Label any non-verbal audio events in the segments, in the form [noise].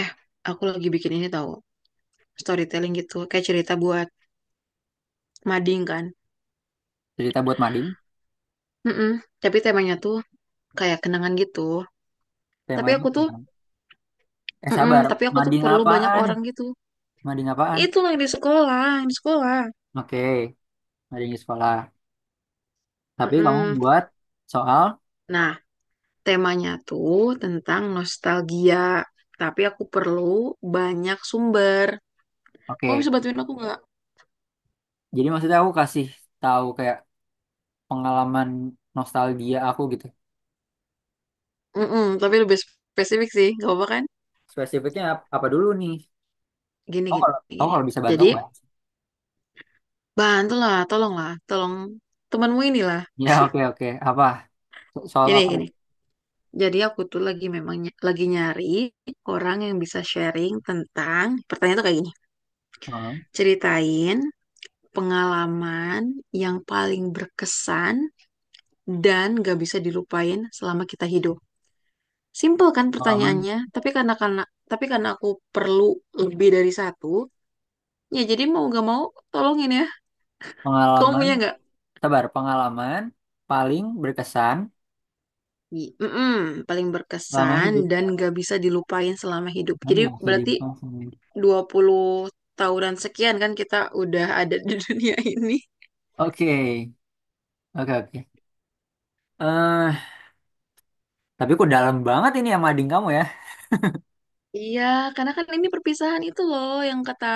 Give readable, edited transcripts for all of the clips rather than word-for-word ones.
Eh, aku lagi bikin ini tahu storytelling gitu, kayak cerita buat mading kan. Cerita buat mading, Mm-mm. Tapi temanya tuh kayak kenangan gitu. Tapi temanya. aku tuh, Nah. Eh, mm-mm, sabar, tapi aku tuh mading perlu banyak apaan? orang gitu. Mading apaan? Itu yang di sekolah, yang di sekolah. Oke, mading di sekolah. Tapi kamu Mm-mm. buat soal, Nah, temanya tuh tentang nostalgia. Tapi aku perlu banyak sumber. Kamu oke. bisa bantuin aku nggak? Jadi maksudnya aku kasih tahu kayak pengalaman nostalgia aku gitu. Mm-mm, tapi lebih spesifik sih, gak apa-apa kan? Spesifiknya apa dulu nih? Gini, Kamu gini, kalau kamu gini. kalau bisa bantu, Jadi, Mbak. bantulah, tolonglah, tolong temanmu inilah. Ya, oke, oke. Apa? Soal Gini, apa? gini. Jadi aku tuh lagi memang lagi nyari orang yang bisa sharing tentang pertanyaan tuh kayak gini. Hmm, Ceritain pengalaman yang paling berkesan dan gak bisa dilupain selama kita hidup. Simple kan pengalaman, pertanyaannya, tapi karena aku perlu lebih dari satu, ya jadi mau gak mau tolongin ya. Kamu pengalaman, punya nggak? sabar, pengalaman paling berkesan Mm-mm, paling selama berkesan hidup. dan gak bisa dilupain selama hidup. Kan Jadi nggak bisa berarti dilupakan. 20 tahunan sekian kan kita udah ada di dunia [laughs] ini. Oke, oke, oke. eh tapi kok dalam banget ini sama ading kamu, ya. Iya, karena kan ini perpisahan itu loh yang kata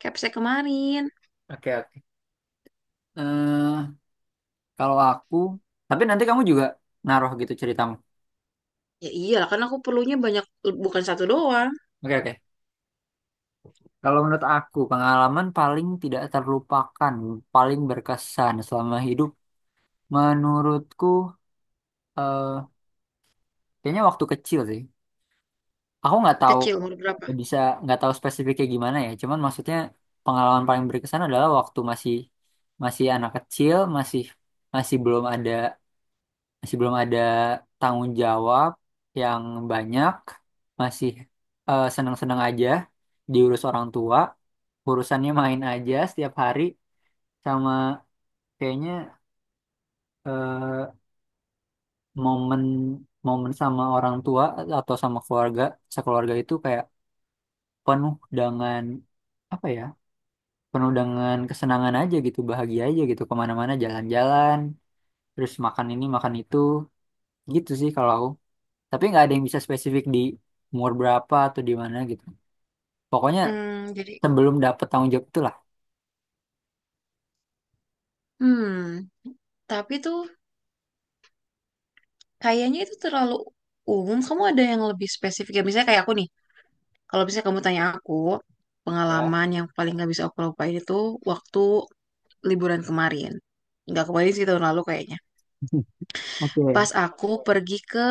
Kepse kemarin. Oke, oke. eh Kalau aku, tapi nanti kamu juga naruh gitu ceritamu. Ya iyalah, karena aku perlunya banyak, bukan satu doang. Oke, oke. Kalau menurut aku, pengalaman paling tidak terlupakan, paling berkesan selama hidup, menurutku, eh kayaknya waktu kecil sih. Aku nggak tahu Kecil, umur berapa? bisa nggak tahu spesifiknya gimana, ya. Cuman maksudnya pengalaman paling berkesan adalah waktu masih masih anak kecil, masih masih belum ada. Masih belum ada tanggung jawab yang banyak, masih senang-senang aja diurus orang tua, urusannya main aja setiap hari, sama kayaknya eh, momen momen sama orang tua atau sama keluarga sekeluarga itu kayak penuh dengan, apa ya, penuh dengan kesenangan aja gitu, bahagia aja gitu, kemana-mana jalan-jalan, terus makan ini makan itu, gitu sih kalau aku. Tapi nggak ada yang bisa spesifik di umur berapa atau di mana gitu. Pokoknya Hmm, jadi, sebelum dapet tanggung jawab itulah. hmm, tapi tuh kayaknya itu terlalu umum. Kamu ada yang lebih spesifik? Ya, misalnya kayak aku nih, kalau misalnya kamu tanya aku, Ya. pengalaman yang paling gak bisa aku lupain itu waktu liburan kemarin. Nggak kemarin sih, tahun lalu kayaknya. [laughs] Oke. Pas aku pergi ke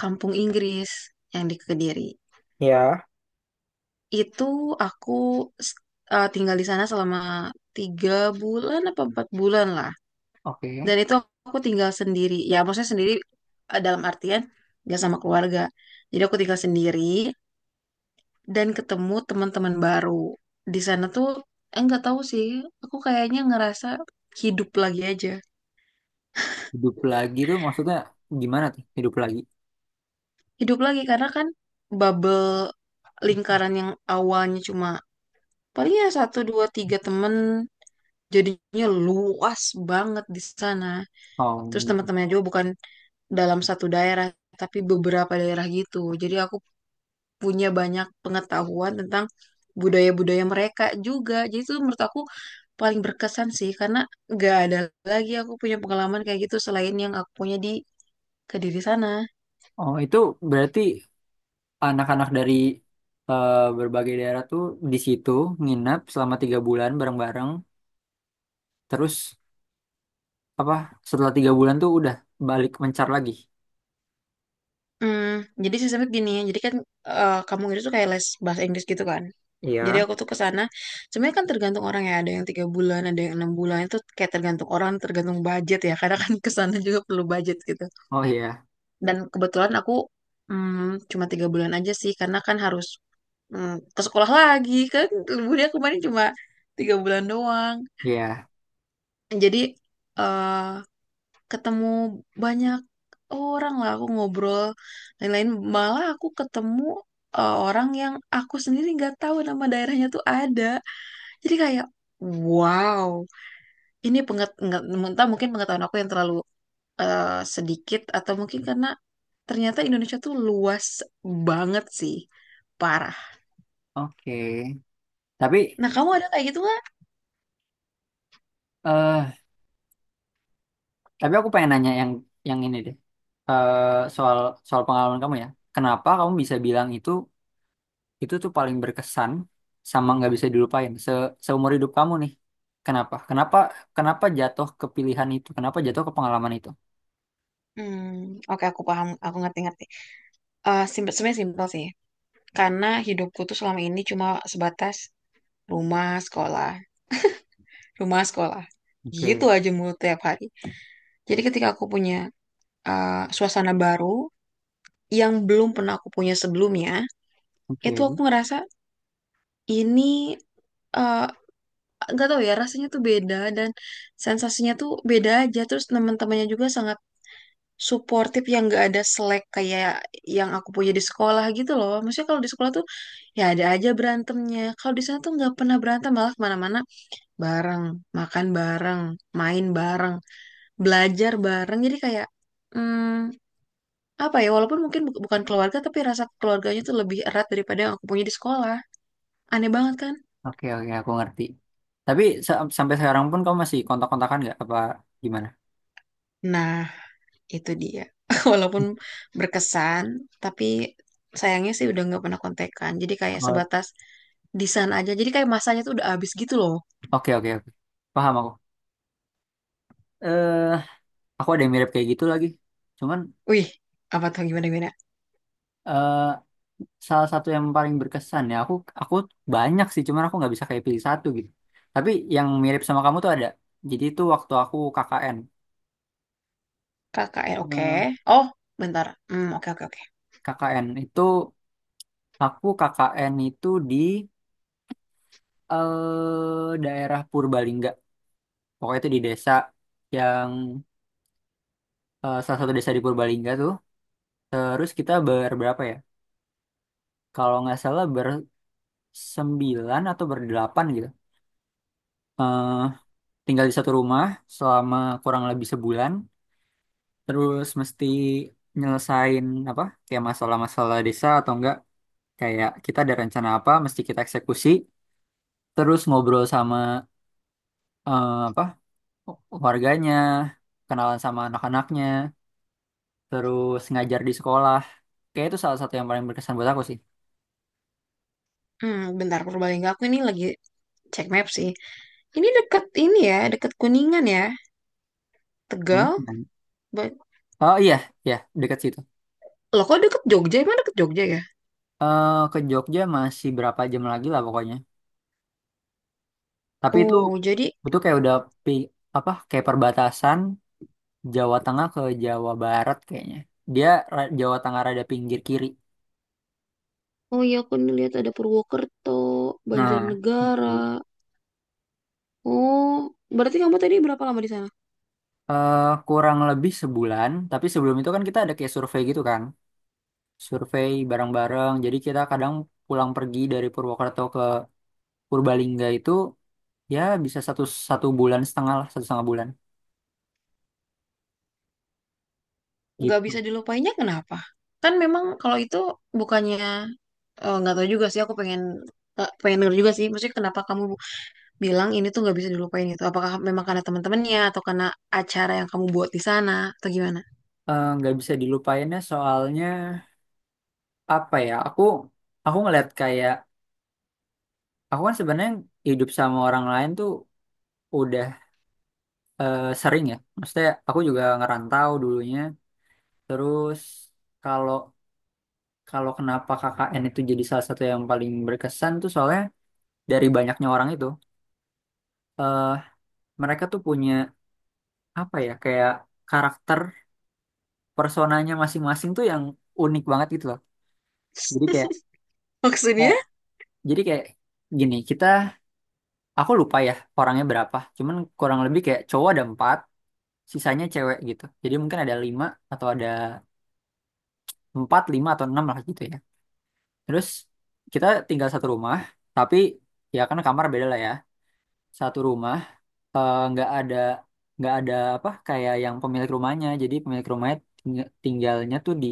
Kampung Inggris yang di Kediri. Ya. Itu aku s- tinggal di sana selama 3 bulan apa 4 bulan lah. Oke. Dan itu aku tinggal sendiri. Ya maksudnya sendiri dalam artian nggak sama keluarga. Jadi aku tinggal sendiri dan ketemu teman-teman baru. Di sana tuh nggak tahu sih. Aku kayaknya ngerasa hidup lagi aja. Hidup lagi tuh maksudnya gimana tuh hidup lagi? Hidup lagi karena kan bubble lingkaran yang awalnya cuma paling ya satu dua tiga temen. Jadinya luas banget di sana. Terus Oh, teman-temannya juga bukan dalam satu daerah, tapi beberapa daerah gitu. Jadi aku punya banyak pengetahuan tentang budaya-budaya mereka juga. Jadi itu menurut aku paling berkesan sih, karena gak ada lagi aku punya pengalaman kayak gitu selain yang aku punya di Kediri sana. oh itu berarti anak-anak dari berbagai daerah tuh di situ nginap selama 3 bulan bareng-bareng. Terus apa? Setelah 3 bulan tuh udah balik mencar lagi. Hmm, jadi sistemnya gini ya, jadi kan kamu itu kayak les bahasa Inggris gitu kan. Jadi Iya. aku tuh ke sana, sebenarnya kan tergantung orang ya, ada yang 3 bulan, ada yang 6 bulan, itu kayak tergantung orang, tergantung budget ya, [laughs] karena kan ke sana juga perlu budget gitu. Oh, iya, Dan kebetulan aku cuma 3 bulan aja sih, karena kan harus ke sekolah lagi, kan liburnya kemarin cuma 3 bulan doang. iya, Jadi eh ketemu banyak orang lah, aku ngobrol lain-lain, malah aku ketemu orang yang aku sendiri nggak tahu nama daerahnya tuh ada. Jadi kayak wow, ini penget nggak entah mungkin pengetahuan aku yang terlalu sedikit atau mungkin karena ternyata Indonesia tuh luas banget sih. Parah. oke. Tapi Nah, kamu ada kayak gitu nggak? eh Tapi aku pengen nanya yang ini deh. Eh, soal soal pengalaman kamu, ya. Kenapa kamu bisa bilang itu tuh paling berkesan sama nggak bisa dilupain seumur hidup kamu nih? Kenapa? Kenapa jatuh ke pilihan itu? Kenapa jatuh ke pengalaman itu? Hmm, oke aku paham, aku ngerti-ngerti. Simple, sebenarnya simpel sih. Karena hidupku tuh selama ini cuma sebatas rumah, sekolah, rumah, sekolah. Gitu Oke, aja mulu tiap hari. Jadi ketika aku punya suasana baru yang belum pernah aku punya sebelumnya, itu oke, aku ngerasa ini eh nggak tahu ya rasanya tuh beda dan sensasinya tuh beda aja. Terus teman-temannya juga sangat suportif yang nggak ada selek kayak yang aku punya di sekolah gitu loh. Maksudnya kalau di sekolah tuh ya ada aja berantemnya, kalau di sana tuh nggak pernah berantem, malah kemana-mana bareng, makan bareng, main bareng, belajar bareng. Jadi kayak hmm, apa ya, walaupun mungkin bukan keluarga, tapi rasa keluarganya tuh lebih erat daripada yang aku punya di sekolah. Aneh banget kan. oke, oke, aku ngerti. Tapi sampai sekarang pun kamu masih kontak-kontakan nggak? Apa gimana? Nah, itu dia. [laughs] Walaupun berkesan, tapi sayangnya sih udah nggak pernah kontekan. Jadi kayak Oh, sebatas desain aja. Jadi kayak masanya tuh udah habis gitu loh. oke, oke, oke. Paham aku. Eh, aku ada yang mirip kayak gitu lagi. Cuman Wih, apa tuh gimana gimana? eh, salah satu yang paling berkesan ya aku aku banyak sih, cuman aku nggak bisa kayak pilih satu gitu, tapi yang mirip sama kamu tuh ada, jadi itu waktu aku KKN. KKN oke. Eh, Oh, bentar. Hmm, oke oke oke. KKN itu, aku KKN itu di daerah Purbalingga, pokoknya itu di desa yang salah satu desa di Purbalingga tuh, terus kita berberapa ya kalau nggak salah bersembilan atau berdelapan gitu eh tinggal di satu rumah selama kurang lebih sebulan, terus mesti nyelesain apa kayak masalah-masalah desa atau enggak, kayak kita ada rencana apa mesti kita eksekusi, terus ngobrol sama apa, warganya, kenalan sama anak-anaknya, terus ngajar di sekolah, kayak itu salah satu yang paling berkesan buat aku sih. Bentar Purbalingga aku ini lagi cek map sih. Ini deket ini ya, deket Kuningan ya. Tegal. Dan- Ba- oh iya, iya dekat situ. Loh kok deket Jogja? Emang deket Jogja ya? Ke Jogja masih berapa jam lagi lah pokoknya, tapi itu Oh, jadi. itu kayak udah pi, apa kayak perbatasan Jawa Tengah ke Jawa Barat kayaknya. Dia Jawa Tengah rada pinggir kiri. Oh iya aku nih lihat ada Purwokerto, Nah, Banjarnegara. itu. Oh, berarti kamu tadi berapa lama di sana? Kurang lebih sebulan, tapi sebelum itu kan kita ada kayak survei gitu kan. Survei bareng-bareng. Jadi kita kadang pulang pergi dari Purwokerto ke Purbalingga itu ya bisa satu satu bulan setengah lah, satu setengah bulan Nggak gitu. bisa dilupainnya kenapa? Kan memang kalau itu bukannya nggak tahu juga sih, aku pengen pengen denger juga sih. Maksudnya kenapa kamu bilang ini tuh nggak bisa dilupain gitu? Apakah memang karena teman-temannya atau karena acara yang kamu buat di sana atau gimana? Nggak bisa dilupainnya soalnya apa ya? Aku ngeliat kayak, aku kan sebenarnya hidup sama orang lain tuh udah sering, ya. Maksudnya aku juga ngerantau dulunya. Terus kalau kalau kenapa KKN itu jadi salah satu yang paling berkesan tuh soalnya dari banyaknya orang itu eh mereka tuh punya, apa ya, kayak karakter personanya masing-masing tuh yang unik banget gitu loh. Jadi kayak Maksudnya? eh, jadi kayak gini, kita aku lupa ya orangnya berapa. Cuman kurang lebih kayak cowok ada empat, sisanya cewek gitu. Jadi mungkin ada lima atau ada empat, lima atau enam lah gitu ya. Terus kita tinggal satu rumah, tapi ya kan kamar beda lah ya. Satu rumah nggak ada apa kayak yang pemilik rumahnya. Jadi pemilik rumahnya tinggalnya tuh di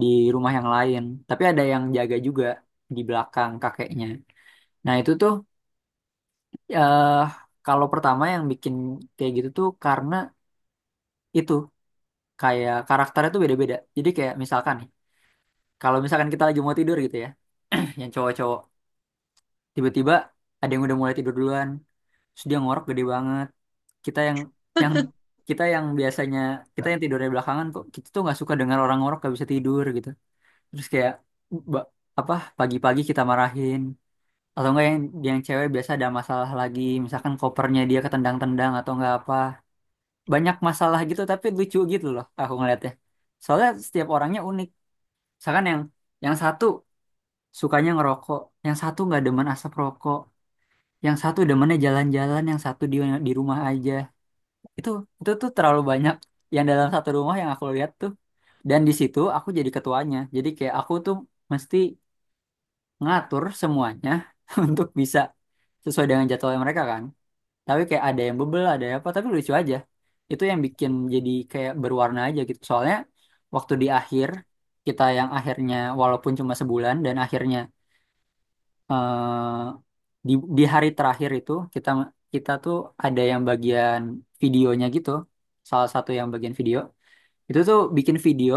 di rumah yang lain. Tapi ada yang jaga juga di belakang kakeknya. Nah, itu tuh eh kalau pertama yang bikin kayak gitu tuh karena itu kayak karakternya tuh beda-beda. Jadi kayak misalkan nih, kalau misalkan kita lagi mau tidur gitu ya, [clears throat] yang cowok-cowok. Tiba-tiba ada yang udah mulai tidur duluan, terus dia ngorok gede banget, kita yang yang kita yang biasanya, kita yang tidurnya belakangan, kok kita tuh nggak suka dengar orang ngorok, gak bisa tidur gitu, terus kayak ba- apa, pagi-pagi kita marahin, atau enggak yang cewek biasa ada masalah lagi, misalkan kopernya dia ketendang-tendang atau enggak apa, banyak masalah gitu tapi lucu gitu loh aku ngeliatnya, soalnya setiap orangnya unik. Misalkan yang satu sukanya ngerokok, yang satu nggak demen asap rokok, yang satu demennya jalan-jalan, yang satu di rumah aja, itu tuh terlalu banyak yang dalam satu rumah yang aku lihat tuh. Dan di situ aku jadi ketuanya, jadi kayak aku tuh mesti ngatur semuanya [laughs] untuk bisa sesuai dengan jadwalnya mereka kan, tapi kayak ada yang bebel ada yang apa, tapi lucu aja, itu yang bikin jadi kayak berwarna aja gitu. Soalnya waktu di akhir, kita yang akhirnya walaupun cuma sebulan, dan akhirnya eh, di hari terakhir itu kita kita tuh ada yang bagian videonya gitu. Salah satu yang bagian video itu tuh bikin video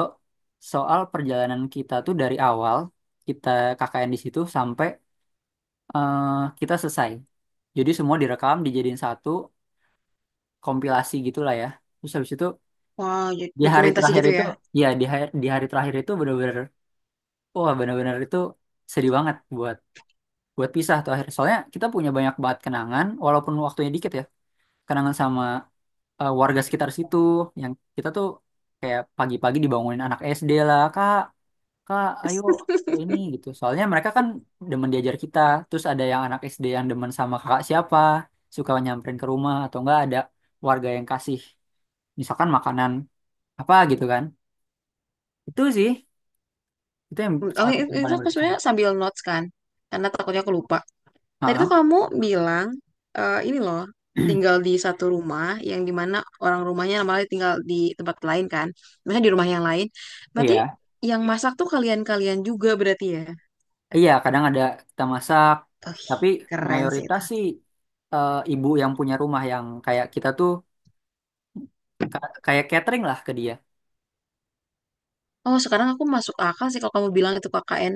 soal perjalanan kita tuh dari awal kita KKN di situ sampai eh, kita selesai. Jadi semua direkam dijadiin satu kompilasi gitulah ya. Terus habis itu Wow, jadi di hari dokumentasi terakhir gitu itu, ya? ya di hari terakhir itu bener-bener, wah, bener-bener itu sedih banget buat buat pisah tuh akhirnya. Soalnya kita punya banyak banget kenangan, walaupun waktunya dikit ya. Kenangan sama warga sekitar situ, yang kita tuh kayak pagi-pagi dibangunin anak SD lah, kak, kak, ayo ini gitu. Soalnya mereka kan demen diajar kita, terus ada yang anak SD yang demen sama kakak siapa, suka nyamperin ke rumah, atau enggak ada warga yang kasih, misalkan makanan apa gitu kan. Itu sih, itu yang Oh, salah satu yang itu paling aku berkesan. sebenarnya sambil notes kan, karena takutnya aku lupa. Tadi tuh Heeh. kamu bilang ini loh, tinggal di satu rumah yang dimana orang rumahnya malah tinggal di tempat lain kan, misalnya di rumah yang lain. [clears throat] Berarti Iya. yang masak tuh kalian-kalian juga berarti ya? Iya, kadang ada kita masak, Oh, tapi keren sih mayoritas itu. sih ibu yang punya rumah yang kayak kita tuh kayak catering lah ke dia. Oh sekarang aku masuk akal sih kalau kamu bilang itu KKN.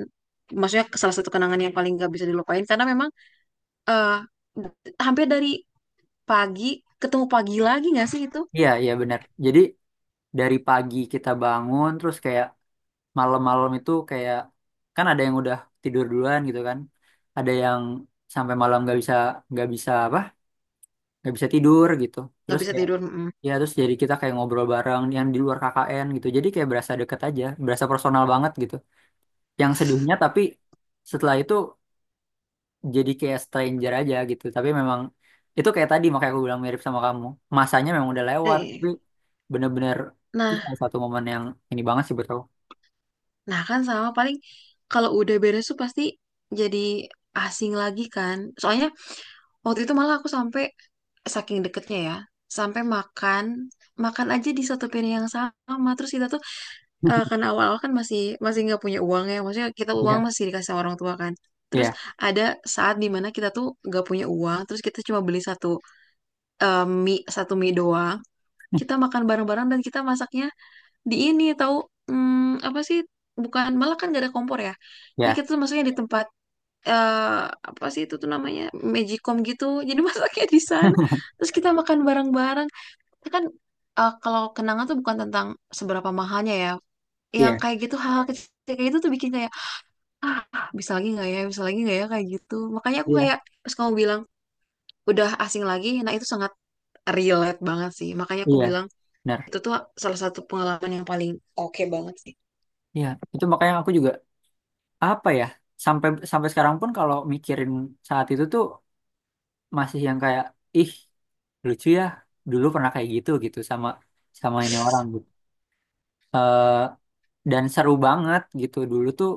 Maksudnya salah satu kenangan yang paling gak bisa dilupain, karena memang eh, hampir dari pagi ketemu pagi lagi nggak sih itu? Iya, iya benar. Jadi dari pagi kita bangun, terus kayak malam-malam itu kayak kan ada yang udah tidur duluan gitu kan, ada yang sampai malam nggak bisa apa nggak bisa tidur gitu. Nggak Terus bisa kayak, tidur. Mm-mm. ya terus jadi kita kayak ngobrol bareng yang di luar KKN gitu. Jadi kayak berasa deket aja, berasa personal banget gitu. Yang sedihnya tapi setelah itu jadi kayak stranger aja gitu, tapi memang itu kayak tadi makanya aku bilang mirip sama kamu, masanya memang udah lewat tapi Eh, bener-bener itu nah. salah satu momen yang ini banget sih buat aku. Nah kan sama, paling kalau udah beres tuh pasti jadi asing lagi kan. Soalnya waktu itu malah aku sampai saking deketnya ya, sampai makan makan aja di satu piring yang sama. Terus kita tuh karena [laughs] awal-awal kan masih masih nggak punya uang ya, maksudnya kita uang Iya, masih dikasih sama orang tua kan. Terus iya, ada saat dimana kita tuh nggak punya uang, terus kita cuma beli satu mie doang. Kita makan bareng-bareng dan kita masaknya di ini tahu apa sih, bukan, malah kan gak ada kompor ya. Ya iya, kita tuh masuknya di tempat apa sih itu tuh namanya magicom gitu, jadi [laughs] masaknya di sana terus kita makan bareng-bareng. Kita kan kalau kenangan tuh bukan tentang seberapa mahalnya ya, yang iya, kayak gitu hal-hal kecil kayak gitu tuh bikin kayak, "Ah, bisa lagi nggak ya, bisa lagi nggak ya," kayak gitu. Makanya aku iya, kayak pas kamu bilang udah asing lagi, nah itu sangat relate banget sih, makanya aku iya, bilang benar. itu tuh salah satu pengalaman yang paling oke banget sih. Iya, itu makanya aku juga apa ya, sampai sampai sekarang pun kalau mikirin saat itu tuh masih yang kayak, ih, lucu ya dulu pernah kayak gitu gitu sama sama ini orang gitu. Eh, dan seru banget gitu dulu tuh,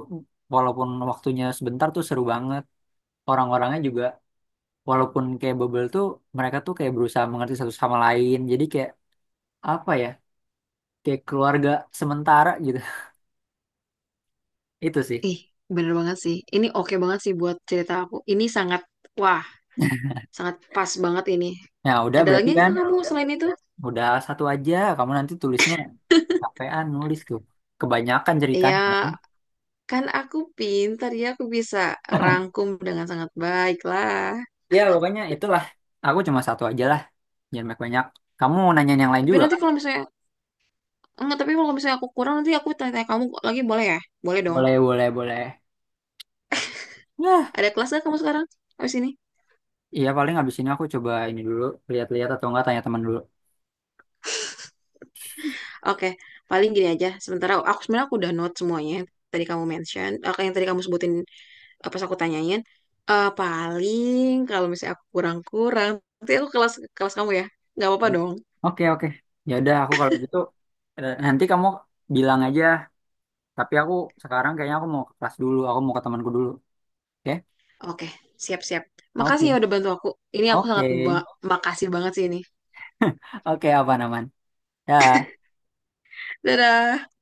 walaupun waktunya sebentar tuh seru banget, orang-orangnya juga walaupun kayak bubble tuh, mereka tuh kayak berusaha mengerti satu sama lain jadi kayak, apa ya, kayak keluarga sementara gitu. [laughs] Itu sih. Ih, bener banget sih. Ini oke banget sih buat cerita aku. Ini sangat, wah, sangat pas banget ini. Nah, udah Ada lagi berarti kan nggak kamu selain itu? udah satu aja kamu, nanti tulisnya capean nulis tuh, kebanyakan Iya, ceritanya kan. kan aku pintar ya, aku bisa rangkum dengan sangat baik lah. Ya pokoknya itulah, aku cuma satu aja lah, jangan banyak-banyak, kamu mau nanyain yang lain Tapi juga nanti kan. kalau misalnya, enggak, tapi kalau misalnya aku kurang, nanti aku tanya-tanya kamu lagi boleh ya? Boleh dong. Boleh, boleh, boleh, ya. Ada kelas nggak kamu sekarang? Habis ini? Iya paling abis ini aku coba ini dulu, lihat-lihat atau enggak tanya teman dulu. Oke, paling gini aja. Sementara aku sebenarnya aku udah note semuanya. Tadi kamu mention, eh, yang tadi kamu sebutin. Pas aku tanyain paling kalau misalnya aku kurang-kurang, nanti aku kelas kelas kamu ya, nggak apa-apa Ya. dong. Oke, oke. Ya udah aku kalau gitu nanti kamu bilang aja. Tapi aku sekarang kayaknya aku mau ke kelas dulu. Aku mau ke temanku dulu. Oke, Oke, siap-siap. Makasih ya oke, udah bantu aku ini, aku oke. sangat makasih banget sih ini. [laughs] Oke, apa namanya? Dadah.